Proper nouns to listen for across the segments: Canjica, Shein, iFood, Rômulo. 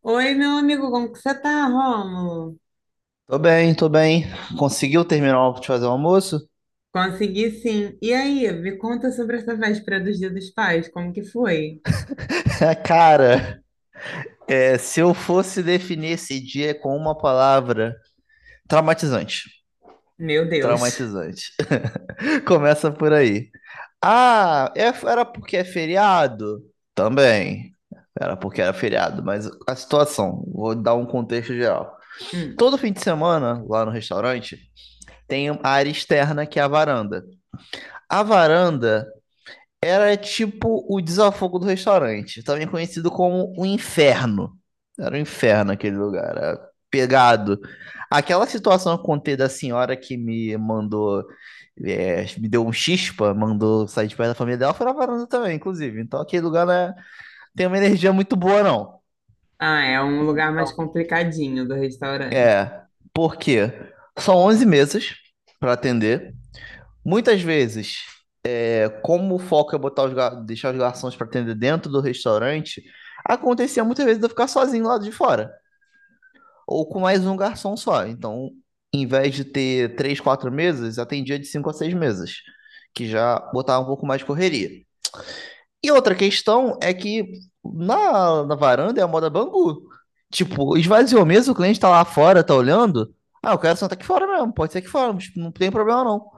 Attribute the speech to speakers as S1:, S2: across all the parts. S1: Oi, meu amigo, como que você tá, Rômulo?
S2: Tô bem, tô bem. Conseguiu terminar de fazer o almoço?
S1: Consegui sim. E aí, me conta sobre essa véspera dos Dia dos Pais, como que foi?
S2: Cara, se eu fosse definir esse dia com uma palavra, traumatizante.
S1: Meu Deus.
S2: Traumatizante. Começa por aí. Ah, era porque é feriado? Também. Era porque era feriado, mas a situação, vou dar um contexto geral.
S1: Hum.
S2: Todo fim de semana, lá no restaurante, tem a área externa que é a varanda. A varanda era tipo o desafogo do restaurante, também conhecido como o inferno. Era um inferno aquele lugar, era pegado. Aquela situação que eu contei da senhora que me mandou, me deu um chispa, mandou sair de perto da família dela, foi na varanda também, inclusive. Então aquele lugar não tem uma energia muito boa, não.
S1: Ah, é um lugar mais complicadinho do restaurante.
S2: É, porque são 11 mesas para atender. Muitas vezes, como o foco é botar os deixar os garçons para atender dentro do restaurante, acontecia muitas vezes de eu ficar sozinho lá de fora, ou com mais um garçom só. Então, em vez de ter três, quatro mesas, atendia de cinco a seis mesas, que já botava um pouco mais de correria. E outra questão é que na varanda é a moda Bangu. Tipo, esvaziou mesmo, o cliente tá lá fora, tá olhando. Ah, eu quero sentar aqui fora mesmo, pode ser aqui fora, mas não tem problema não.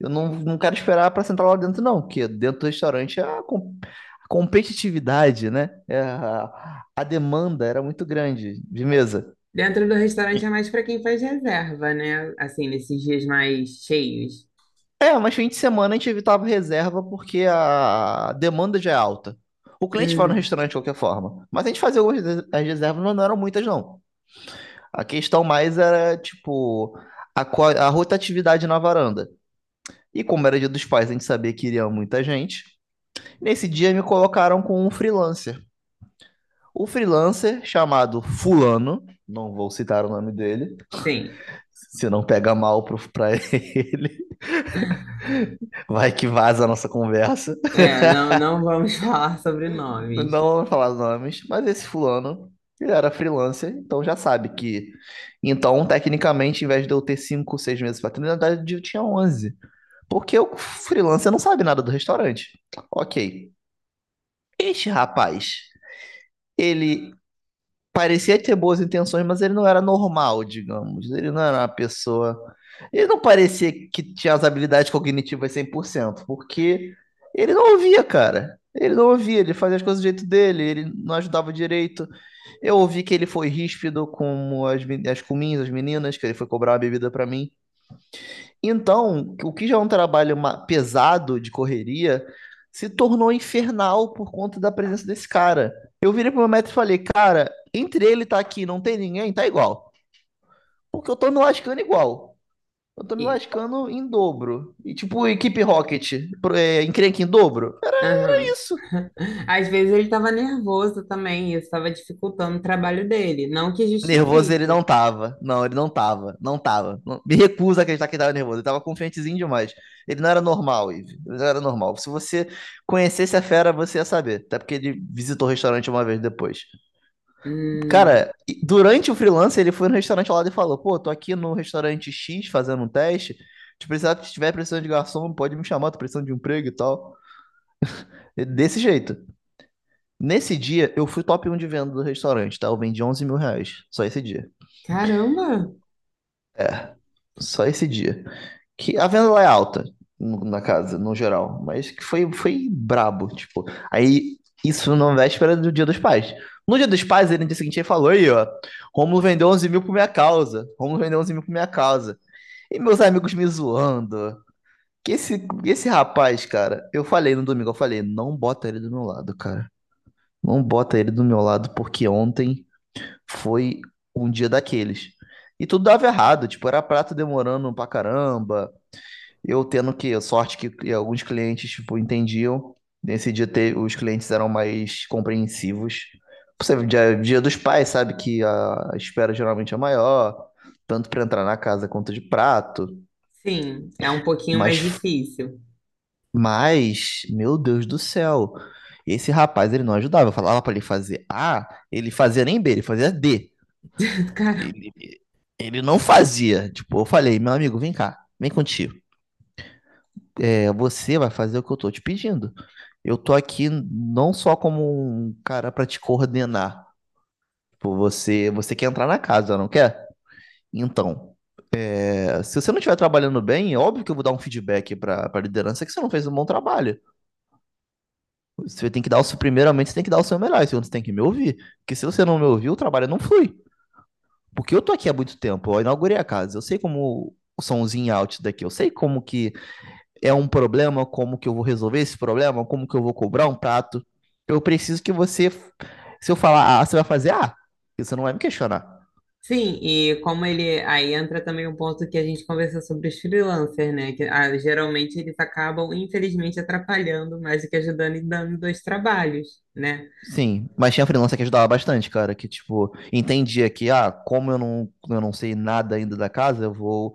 S2: Eu não quero esperar pra sentar lá dentro, não, porque dentro do restaurante é a competitividade, né? É a demanda era muito grande de mesa.
S1: Dentro do restaurante é mais para quem faz reserva, né? Assim, nesses dias mais cheios.
S2: É, mas fim de semana a gente evitava reserva porque a demanda já é alta. O cliente vai no
S1: Hum,
S2: restaurante de qualquer forma, mas a gente fazia algumas reservas, mas não eram muitas, não. A questão mais era, tipo, a rotatividade na varanda. E como era dia dos pais, a gente sabia que iria muita gente. Nesse dia me colocaram com um freelancer. O freelancer, chamado Fulano, não vou citar o nome dele,
S1: sim.
S2: se não pega mal pra ele, vai que vaza a nossa conversa.
S1: É, não, não vamos falar sobre
S2: Não
S1: nomes.
S2: vou falar nomes, mas esse Fulano, ele era freelancer, então já sabe que. Então, tecnicamente, em vez de eu ter 5, 6 meses para treinar, na verdade, eu tinha 11. Porque o freelancer não sabe nada do restaurante. Ok. Este rapaz, ele parecia ter boas intenções, mas ele não era normal, digamos. Ele não era uma pessoa. Ele não parecia que tinha as habilidades cognitivas 100%, porque ele não ouvia, cara. Ele não ouvia, ele fazia as coisas do jeito dele, ele não ajudava direito. Eu ouvi que ele foi ríspido com as cominhas, as meninas, que ele foi cobrar uma bebida pra mim. Então, o que já é um trabalho pesado de correria se tornou infernal por conta da presença desse cara. Eu virei pro meu médico e falei, cara, entre ele tá aqui e não tem ninguém, tá igual. Porque eu tô me lascando igual. Eu tô me lascando em dobro. E tipo, equipe Rocket, encrenca em dobro. É
S1: Aham.
S2: isso.
S1: Às vezes ele estava nervoso também, isso estava dificultando o trabalho dele. Não que
S2: Nervoso ele
S1: justifique.
S2: não tava. Não, ele não tava. Não tava. Me recuso a acreditar que ele tava nervoso. Ele tava confiantezinho demais. Ele não era normal, Ive. Ele não era normal. Se você conhecesse a fera, você ia saber. Até porque ele visitou o restaurante uma vez depois.
S1: Hum,
S2: Cara, e durante o freelance, ele foi no restaurante ao lado e falou: Pô, tô aqui no restaurante X fazendo um teste. Se precisar, se tiver precisando de garçom, pode me chamar, tô precisando de um emprego e tal. E desse jeito. Nesse dia, eu fui top 1 de venda do restaurante, tá? Eu vendi 11 mil reais. Só esse dia.
S1: caramba!
S2: Só esse dia, que a venda lá é alta na casa, no geral, mas que foi brabo, tipo. Aí, isso na véspera do Dia dos Pais. No Dia dos Pais, ele no dia seguinte ele falou aí, ó, Rômulo vendeu 11 mil por minha causa, Rômulo vendeu 11 mil por minha causa. E meus amigos me zoando. Que esse rapaz, cara, eu falei no domingo, eu falei, não bota ele do meu lado, cara. Não bota ele do meu lado, porque ontem foi um dia daqueles. E tudo dava errado, tipo, era prato demorando pra caramba, eu tendo que, sorte que alguns clientes, tipo, entendiam. Nesse dia os clientes eram mais compreensivos. Você, dia dos pais, sabe que a espera geralmente é maior, tanto para entrar na casa quanto de prato.
S1: Sim, é um pouquinho mais
S2: Mas,
S1: difícil.
S2: mas, meu Deus do céu, esse rapaz, ele não ajudava. Eu falava para ele fazer A, ele fazia nem B, ele fazia D.
S1: Cara,
S2: Ele, ele não fazia. Tipo, eu falei, meu amigo, vem cá, vem contigo. É, você vai fazer o que eu tô te pedindo. Eu tô aqui não só como um cara pra te coordenar. Tipo, você quer entrar na casa, não quer? Então, se você não estiver trabalhando bem, é óbvio que eu vou dar um feedback pra liderança que você não fez um bom trabalho. Você tem que dar o seu, primeiramente, você tem que dar o seu melhor, e segundo, você tem que me ouvir. Porque se você não me ouviu, o trabalho não flui. Porque eu tô aqui há muito tempo, eu inaugurei a casa, eu sei como o somzinho out daqui, eu sei como que é um problema, como que eu vou resolver esse problema, como que eu vou cobrar um prato. Eu preciso que você, se eu falar A, você vai fazer A, você não vai me questionar.
S1: sim, e como ele. Aí entra também um ponto que a gente conversou sobre os freelancers, né? Que ah, geralmente eles acabam, infelizmente, atrapalhando mais do que ajudando e dando dois trabalhos, né?
S2: Sim, mas tinha freelancer que ajudava bastante, cara, que tipo, entendia que, ah, como eu não sei nada ainda da casa, eu vou,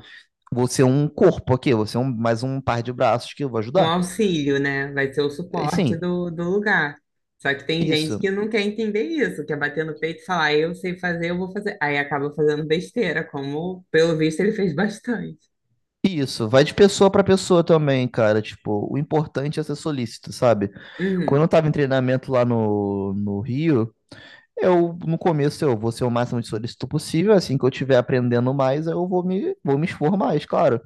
S2: vou ser um corpo aqui, eu vou ser mais um par de braços que eu vou
S1: Um
S2: ajudar.
S1: auxílio, né? Vai ser o
S2: E
S1: suporte
S2: sim,
S1: do lugar. Só que tem gente
S2: isso.
S1: que não quer entender isso, quer bater no peito e falar, "Ah, eu sei fazer, eu vou fazer. Aí acaba fazendo besteira, como pelo visto ele fez bastante.
S2: Isso, vai de pessoa para pessoa também, cara. Tipo, o importante é ser solícito, sabe? Quando eu
S1: Uhum,
S2: tava em treinamento lá no Rio, eu, no começo, eu vou ser o máximo de solícito possível. Assim que eu estiver aprendendo mais, eu vou me expor mais, claro.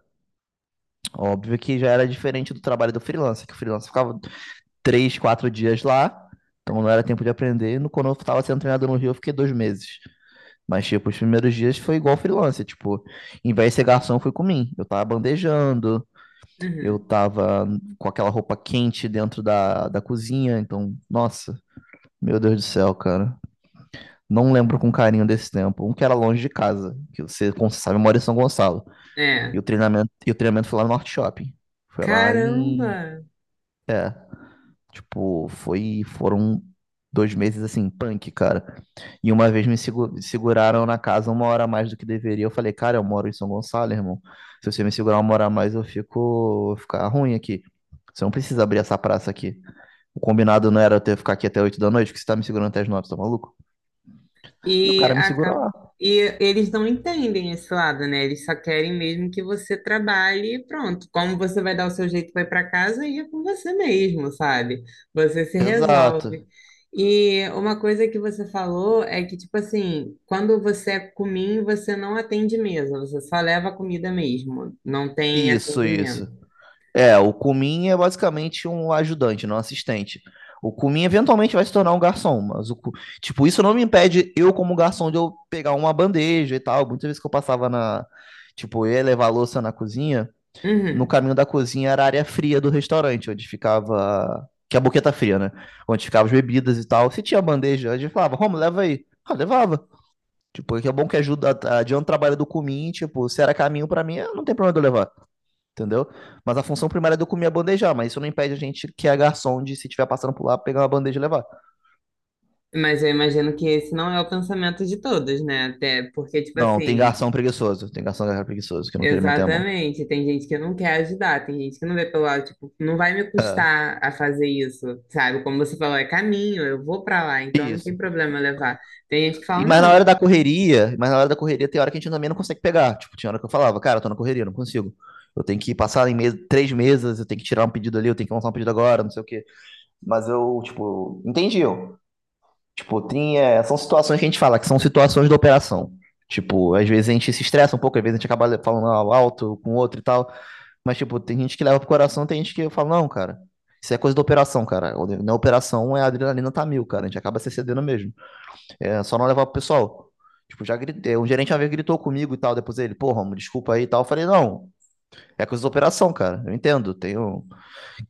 S2: Óbvio que já era diferente do trabalho do freelancer, que o freelancer ficava três, quatro dias lá, então não era tempo de aprender. Quando eu estava sendo treinado no Rio, eu fiquei 2 meses. Mas, tipo, os primeiros dias foi igual freelancer. Tipo, em vez de ser garçom, fui comigo. Eu tava bandejando, eu
S1: uhum.
S2: tava com aquela roupa quente dentro da cozinha. Então, nossa, meu Deus do céu, cara. Não lembro com carinho desse tempo. Um que era longe de casa, que você, como você sabe, mora em São Gonçalo. E
S1: É.
S2: o treinamento, e o treinamento foi lá no Norte Shopping. Foi lá em.
S1: Caramba!
S2: É, tipo, foram 2 meses assim, punk, cara. E uma vez me seguraram na casa uma hora a mais do que deveria. Eu falei, cara, eu moro em São Gonçalo, irmão. Se você me segurar uma hora a mais, vou ficar ruim aqui. Você não precisa abrir essa praça aqui. O combinado não era eu ter ficar aqui até 8 da noite, porque você tá me segurando até as 9, tá maluco? E o
S1: E
S2: cara me segurou
S1: acaba
S2: lá.
S1: e eles não entendem esse lado, né? Eles só querem mesmo que você trabalhe e pronto. Como você vai dar o seu jeito, vai para casa e é com você mesmo, sabe? Você se resolve.
S2: Exato.
S1: E uma coisa que você falou é que, tipo assim, quando você é cominho, você não atende mesa, você só leva a comida mesmo, não tem
S2: Isso,
S1: atendimento.
S2: isso. É, o Kumin é basicamente um ajudante, não um assistente. O Kumin eventualmente vai se tornar um garçom, mas tipo, isso não me impede eu como garçom de eu pegar uma bandeja e tal. Muitas vezes que eu passava tipo, eu ia levar a louça na cozinha, no
S1: Uhum.
S2: caminho da cozinha era a área fria do restaurante, onde ficava, que é a boqueta fria, né? Onde ficavam as bebidas e tal. Se tinha bandeja, a gente falava, Romo, leva aí. Ah, levava. Tipo, é que é bom que ajuda, adianta o trabalho do Kumin, tipo, se era caminho pra mim, ah, não tem problema de eu levar, entendeu? Mas a função primária é do comer é bandejar, mas isso não impede a gente que é garçom de, se tiver passando por lá, pegar uma bandeja e levar.
S1: Mas eu imagino que esse não é o pensamento de todos, né? Até porque, tipo
S2: Não,
S1: assim,
S2: tem garçom preguiçoso que não quer meter a mão.
S1: exatamente. Tem gente que não quer ajudar, tem gente que não vê pelo lado, tipo, não vai me custar a fazer isso, sabe? Como você falou, é caminho, eu vou pra lá, então não
S2: Isso.
S1: tem problema levar. Tem gente que fala,
S2: E mas na
S1: não.
S2: hora da correria, mas na hora da correria tem hora que a gente também não consegue pegar. Tipo, tinha hora que eu falava, cara, eu tô na correria, não consigo. Eu tenho que passar em mesa, três mesas, eu tenho que tirar um pedido ali, eu tenho que lançar um pedido agora, não sei o quê. Mas eu, tipo, entendi. Eu. Tipo, são situações que a gente fala que são situações da operação. Tipo, às vezes a gente se estressa um pouco, às vezes a gente acaba falando alto com o outro e tal. Mas, tipo, tem gente que leva pro coração, tem gente que fala, não, cara, isso é coisa da operação, cara. Na operação, a adrenalina tá mil, cara. A gente acaba se cedendo mesmo. É só não levar pro pessoal. Tipo, já gritei. Um gerente uma vez gritou comigo e tal. Depois ele, pô, Romulo, desculpa aí e tal. Eu falei, não, é coisa da operação, cara. Eu entendo. Tenho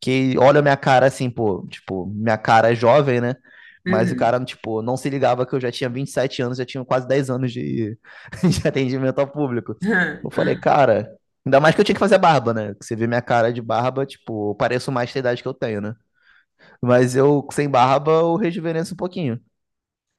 S2: que olha minha cara assim, pô, tipo, minha cara é jovem, né? Mas o
S1: Uhum.
S2: cara, tipo, não se ligava que eu já tinha 27 anos, já tinha quase 10 anos de, de atendimento ao público. Eu falei, cara, ainda mais que eu tinha que fazer barba, né? Que você vê minha cara de barba, tipo, eu pareço mais da idade que eu tenho, né? Mas eu, sem barba, eu rejuvenesço um pouquinho.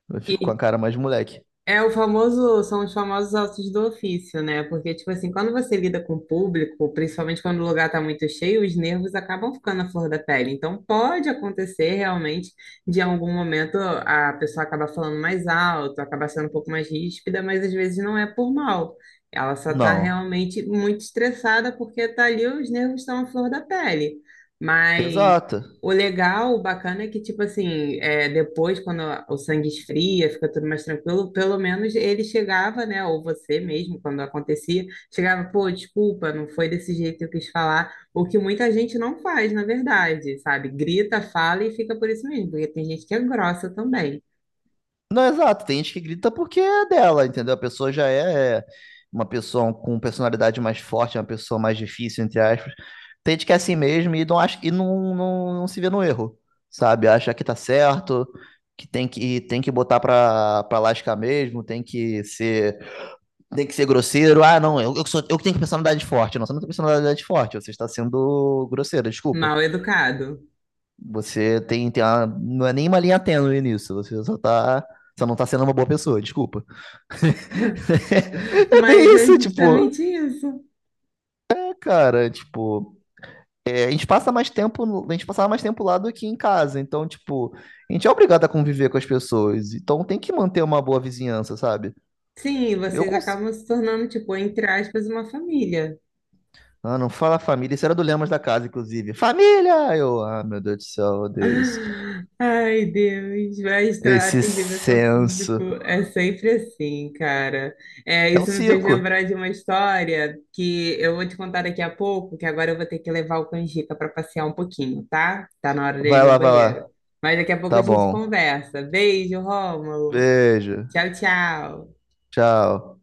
S2: Eu fico com a
S1: E
S2: cara mais de moleque.
S1: é o famoso, são os famosos ossos do ofício, né? Porque, tipo assim, quando você lida com o público, principalmente quando o lugar tá muito cheio, os nervos acabam ficando à flor da pele. Então, pode acontecer realmente de, em algum momento, a pessoa acaba falando mais alto, acaba sendo um pouco mais ríspida, mas às vezes não é por mal. Ela só tá
S2: Não.
S1: realmente muito estressada porque tá ali, os nervos estão à flor da pele. Mas
S2: Exato.
S1: o legal, o bacana é que, tipo assim, é, depois, quando o sangue esfria, fica tudo mais tranquilo, pelo menos ele chegava, né? Ou você mesmo, quando acontecia, chegava, pô, desculpa, não foi desse jeito que eu quis falar. O que muita gente não faz, na verdade, sabe? Grita, fala e fica por isso mesmo, porque tem gente que é grossa também,
S2: Não, exato. Tem gente que grita porque é dela, entendeu? A pessoa já é uma pessoa com personalidade mais forte, uma pessoa mais difícil, entre aspas. Tem gente que é assim mesmo e não acha e não se vê no erro, sabe? Acha que tá certo, que tem que botar pra lascar mesmo, tem que ser grosseiro. Ah, não, eu que tenho personalidade forte. Não, você não tem personalidade forte, você está sendo grosseiro, desculpa.
S1: mal educado.
S2: Você tem uma, não é nenhuma linha tênue nisso, você não tá sendo uma boa pessoa, desculpa. É
S1: Mas
S2: bem
S1: é
S2: isso, tipo,
S1: justamente isso.
S2: cara, tipo, a gente passava mais tempo lá do que em casa, então, tipo, a gente é obrigado a conviver com as pessoas, então tem que manter uma boa vizinhança, sabe?
S1: Sim,
S2: Eu
S1: vocês
S2: consigo.
S1: acabam se tornando, tipo, entre aspas, uma família.
S2: Ah, não fala família, isso era do Lemos da casa, inclusive. Família! Eu, meu Deus do céu, Deus.
S1: Ai, Deus, vai
S2: Esse
S1: atendimento ao público
S2: senso.
S1: é sempre assim, cara. É,
S2: É o
S1: isso me fez
S2: circo.
S1: lembrar de uma história que eu vou te contar daqui a pouco, que agora eu vou ter que levar o Canjica para passear um pouquinho, tá? Tá na hora dele ir
S2: Vai
S1: no
S2: lá, vai
S1: banheiro.
S2: lá.
S1: Mas daqui a pouco
S2: Tá
S1: a gente
S2: bom.
S1: conversa. Beijo, Rômulo.
S2: Beijo.
S1: Tchau, tchau.
S2: Tchau.